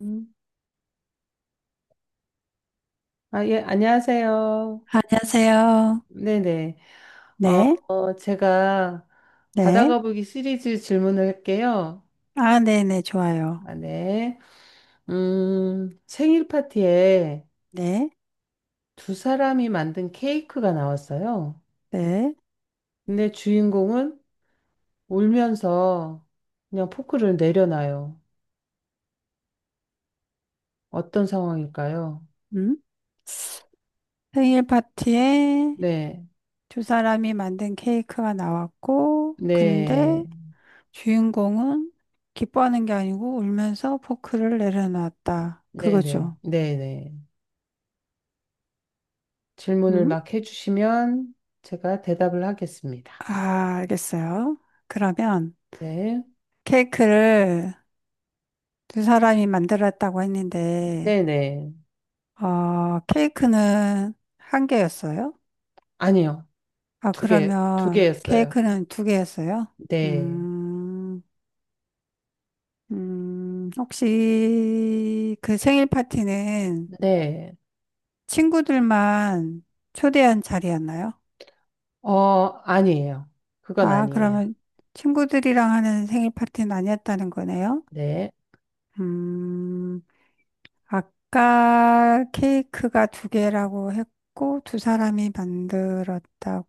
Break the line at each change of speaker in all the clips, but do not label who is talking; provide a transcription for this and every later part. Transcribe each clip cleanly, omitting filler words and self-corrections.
음. 아, 예, 안녕하세요.
안녕하세요.
네네.
네,
제가 바다
네.
거북이 시리즈 질문을 할게요.
아, 네, 네, 좋아요.
아, 네. 생일 파티에
네,
두 사람이 만든 케이크가 나왔어요.
네.
근데 주인공은 울면서 그냥 포크를 내려놔요. 어떤 상황일까요?
음. 생일 파티에
네,
두 사람이 만든 케이크가 나왔고,
네,
근데 주인공은 기뻐하는 게 아니고 울면서 포크를 내려놨다.
네네,
그거죠.
네네. 질문을
음?
막 해주시면 제가 대답을 하겠습니다.
아, 알겠어요. 그러면
네.
케이크를 두 사람이 만들었다고 했는데,
네네.
케이크는 한 개였어요?
아니요.
아,
2개, 두
그러면
개였어요.
케이크는 두 개였어요?
네.
음, 혹시 그 생일 파티는
네.
친구들만 초대한 자리였나요?
어, 아니에요. 그건
아,
아니에요.
그러면 친구들이랑 하는 생일 파티는 아니었다는 거네요?
네.
음, 아까 케이크가 두 개라고 했고, 두 사람이 만들었다고.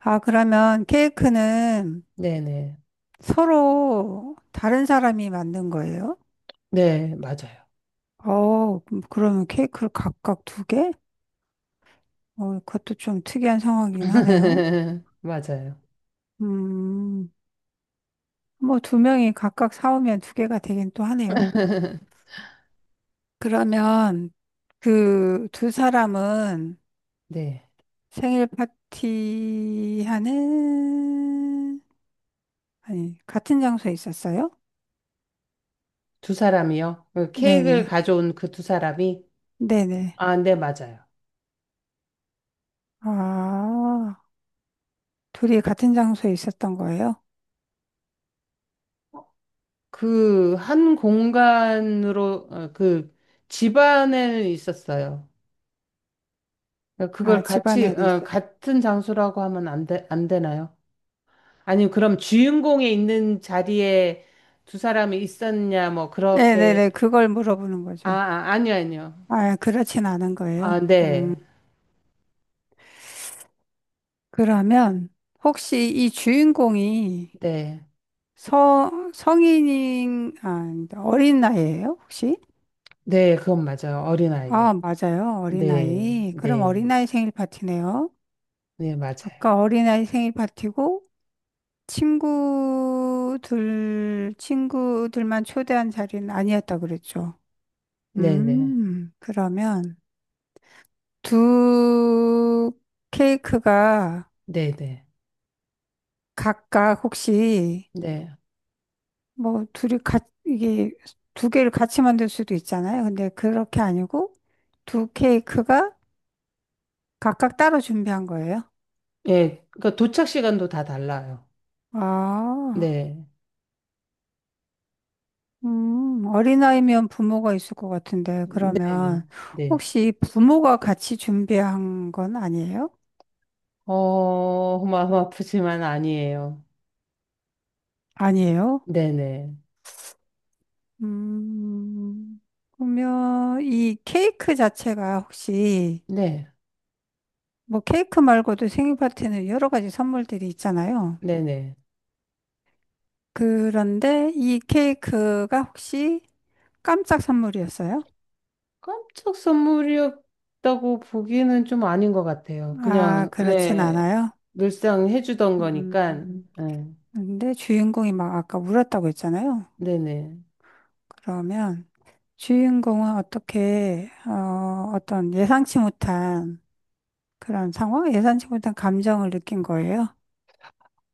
아, 그러면 케이크는
네네.
서로 다른 사람이 만든 거예요?
네, 맞아요.
그러면 케이크를 각각 두 개? 그것도 좀 특이한 상황이긴 하네요.
맞아요.
음, 뭐 두 명이 각각 사오면 두 개가 되긴 또 하네요. 그러면 그 두 사람은
네.
생일 파티 하는, 아니, 같은 장소에 있었어요?
두 사람이요? 그 케이크를
네네.
가져온 그 두 사람이?
네네.
아, 네, 맞아요.
아, 둘이 같은 장소에 있었던 거예요?
그 한 공간으로, 그 집안에 있었어요. 그걸
아,
같이,
집안에 있어.
같은 장소라고 하면 안 돼, 안 되나요? 아니, 그럼 주인공에 있는 자리에 두 사람이 있었냐, 뭐, 그렇게.
네네네. 그걸 물어보는 거죠.
아니요, 아니요.
아, 그렇진 않은 거예요.
아,
음,
네,
그러면 혹시 이 주인공이
네.
성인인, 아, 어린 나이예요, 혹시?
네, 그건 맞아요. 어린아이요.
아, 맞아요.
네,
어린아이. 그럼
네,
어린아이 생일 파티네요.
네, 맞아요.
아까 어린아이 생일 파티고 친구들만 초대한 자리는 아니었다 그랬죠.
네, 네,
그러면 두 케이크가
네, 네,
각각 혹시
네.
뭐 둘이 같 이게 두 개를 같이 만들 수도 있잖아요. 근데 그렇게 아니고 두 케이크가 각각 따로 준비한 거예요.
예, 그러니까 도착 시간도 다 달라요.
아,
네,
어린아이면 부모가 있을 것 같은데
네,
그러면
네.
혹시 부모가 같이 준비한 건 아니에요?
마음 아프지만 아니에요.
아니에요?
네, 네,
음, 그러면 이 케이크 자체가 혹시
네,
뭐 케이크 말고도 생일 파티는 여러 가지 선물들이 있잖아요.
네, 네.
그런데 이 케이크가 혹시 깜짝 선물이었어요?
깜짝 선물이었다고 보기는 좀 아닌 것 같아요.
아,
그냥,
그렇진
네,
않아요.
늘상 해주던 거니까,
음,
네,
근데 주인공이 막 아까 울었다고 했잖아요.
네네.
그러면 주인공은 어떤 예상치 못한 그런 상황? 예상치 못한 감정을 느낀 거예요.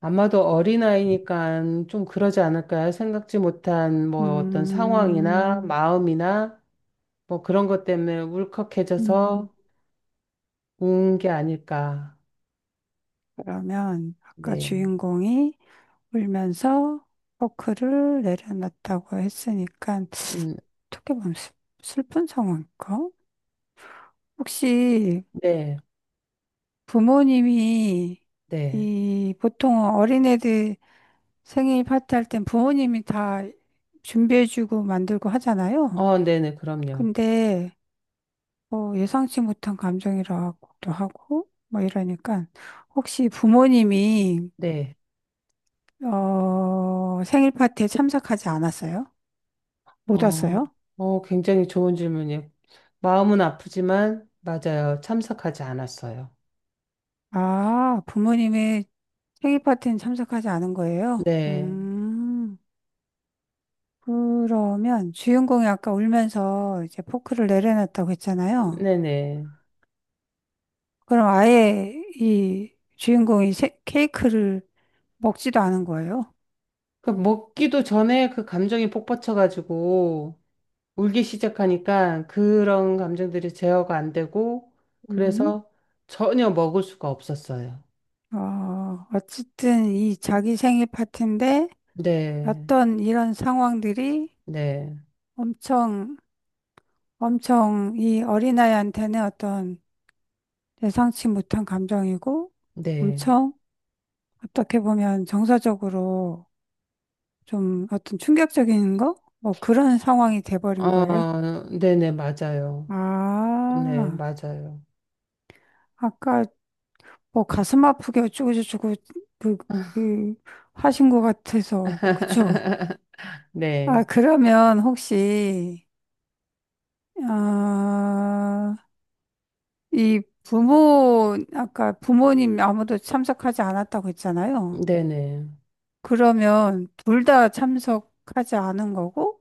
아마도 어린아이니까 좀 그러지 않을까요? 생각지 못한 뭐 어떤 상황이나
음,
마음이나 뭐 그런 것 때문에 울컥해져서
음,
운 게 아닐까.
그러면 아까
네,
주인공이 울면서 포크를 내려놨다고 했으니까
음,
어떻게 보면 슬픈 상황일까? 혹시
네,
부모님이
네.
이 보통 어린애들 생일 파티 할 땐 부모님이 다 준비해주고 만들고 하잖아요.
네네, 그럼요.
근데 뭐 예상치 못한 감정이라고도 하고 뭐 이러니까 혹시 부모님이
네.
어 생일 파티에 참석하지 않았어요? 못
어,
왔어요?
굉장히 좋은 질문이에요. 마음은 아프지만, 맞아요. 참석하지 않았어요.
아, 부모님의 생일 파티는 참석하지 않은 거예요?
네,
음. 그러면 주인공이 아까 울면서 이제 포크를 내려놨다고 했잖아요.
네네.
그럼 아예 이 주인공이 케이크를 먹지도 않은 거예요.
그 먹기도 전에 그 감정이 폭받쳐가지고 울기 시작하니까 그런 감정들이 제어가 안 되고,
음.
그래서 전혀 먹을 수가 없었어요.
어, 어쨌든 이 자기 생일 파티인데
네,
어떤 이런 상황들이
네,
엄청, 엄청 이 어린아이한테는 어떤 예상치 못한 감정이고
네.
엄청 어떻게 보면 정서적으로 좀 어떤 충격적인 거? 뭐 그런 상황이 돼버린 거예요.
어, 네네, 맞아요. 네,
아,
맞아요.
아까 뭐 가슴 아프게 어쩌고저쩌고 그, 그 하신 것 같아서 그쵸? 아,
네,
그러면 혹시 아, 이 부모 아까 부모님 아무도 참석하지 않았다고 했잖아요.
네네.
그러면 둘 다 참석하지 않은 거고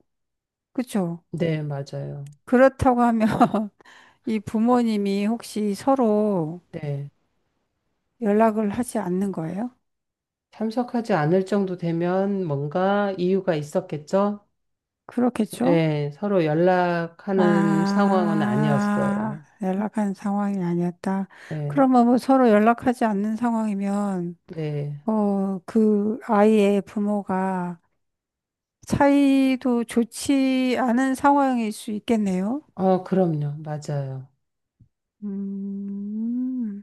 그쵸?
네, 맞아요.
그렇다고 하면 이 부모님이 혹시 서로
네.
연락을 하지 않는 거예요?
참석하지 않을 정도 되면 뭔가 이유가 있었겠죠?
그렇겠죠?
네, 서로 연락하는 상황은
아,
아니었어요.
연락한 상황이 아니었다.
네,
그러면 뭐 서로 연락하지 않는 상황이면,
네.
어, 그 아이의 부모가 사이도 좋지 않은 상황일 수 있겠네요?
그럼요. 맞아요.
음,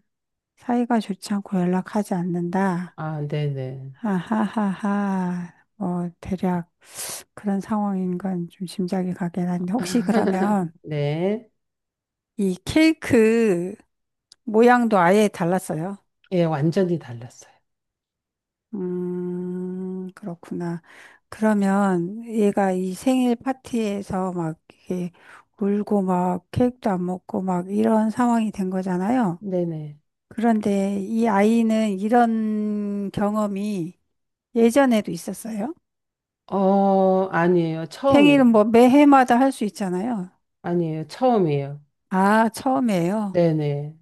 사이가 좋지 않고 연락하지 않는다.
아, 네네.
아하하하. 뭐, 대략 그런 상황인 건 좀 짐작이 가긴 한데, 혹시 그러면
네.
이 케이크 모양도 아예 달랐어요.
예, 완전히 달랐어요.
그렇구나. 그러면 얘가 이 생일 파티에서 막 이게 울고 막 케이크도 안 먹고 막 이런 상황이 된 거잖아요.
네네.
그런데 이 아이는 이런 경험이 예전에도 있었어요?
아니에요. 처음이.
생일은 뭐 매해마다 할 수 있잖아요.
아니에요. 처음이에요.
아, 처음이에요.
네네.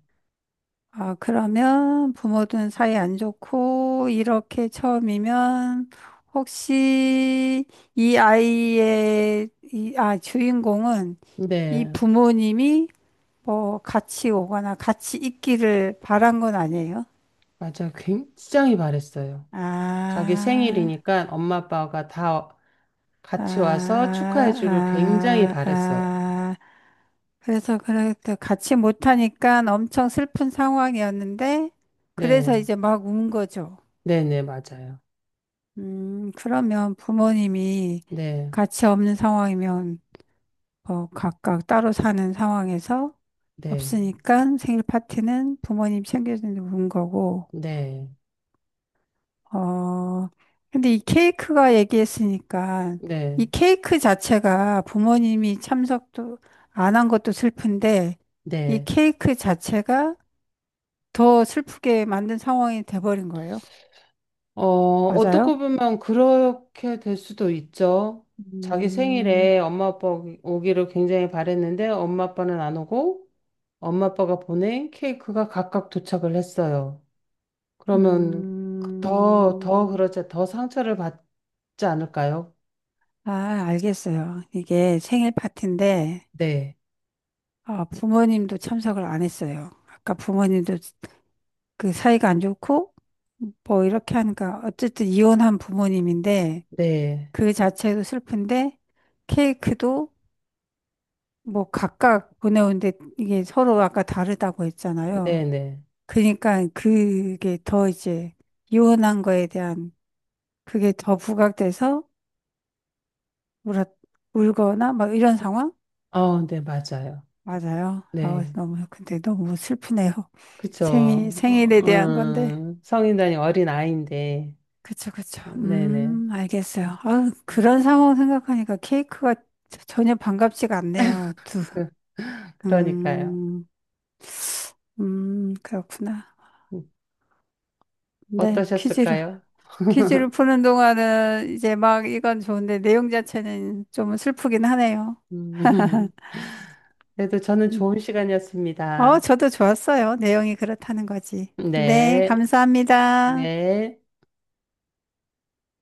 아, 그러면 부모든 사이 안 좋고, 이렇게 처음이면, 혹시 이 아이의, 이, 아, 주인공은 이
네.
부모님이 뭐 같이 오거나 같이 있기를 바란 건 아니에요?
맞아. 굉장히 바랬어요. 자기
아,
생일이니까 엄마 아빠가 다
아,
같이 와서 축하해 주길 굉장히
아,
바랬어요.
아. 그래서 그렇게 같이 못하니까 엄청 슬픈 상황이었는데,
네.
그래서 이제 막 운 거죠.
네네, 맞아요.
그러면 부모님이
네.
같이 없는 상황이면 뭐 각각 따로 사는 상황에서
네.
없으니까 생일 파티는 부모님 챙겨주는 거고,
네.
어, 근데 이 케이크가 얘기했으니까
네.
이 케이크 자체가 부모님이 참석도 안 한 것도 슬픈데 이
네.
케이크 자체가 더 슬프게 만든 상황이 돼버린 거예요.
어떻게
맞아요?
보면 그렇게 될 수도 있죠. 자기
음,
생일에 엄마 아빠 오기를 굉장히 바랬는데 엄마 아빠는 안 오고 엄마 아빠가 보낸 케이크가 각각 도착을 했어요. 그러면 더, 더
음.
그러자 더 상처를 받지 않을까요?
아, 알겠어요. 이게 생일 파티인데,
네.
어, 부모님도 참석을 안 했어요. 아까 부모님도 그 사이가 안 좋고, 뭐 이렇게 하니까, 어쨌든 이혼한 부모님인데,
네.
그 자체도 슬픈데, 케이크도 뭐 각각 보내오는데, 이게 서로 아까 다르다고
네,
했잖아요.
네.
그러니까 이혼한 거에 대한 그게 더 부각돼서 울었, 울거나 막 이런 상황?
아, 네, 맞아요.
맞아요.
네,
근데 너무 슬프네요.
그쵸.
생일에 대한 건데.
성인단이 어린 아이인데,
그쵸, 그쵸.
어, 네네.
알겠어요. 아, 그런 상황 생각하니까 케이크가 전혀 반갑지가 않네요. 두,
그, 그러니까요.
음, 그렇구나.
음,
네, 퀴즈를.
어떠셨을까요?
퀴즈를 푸는 동안은 이제 막 이건 좋은데 내용 자체는 좀 슬프긴 하네요.
음, 그래도 저는
음.
좋은
어,
시간이었습니다.
저도 좋았어요. 내용이 그렇다는 거지. 네,
네,
감사합니다.
네.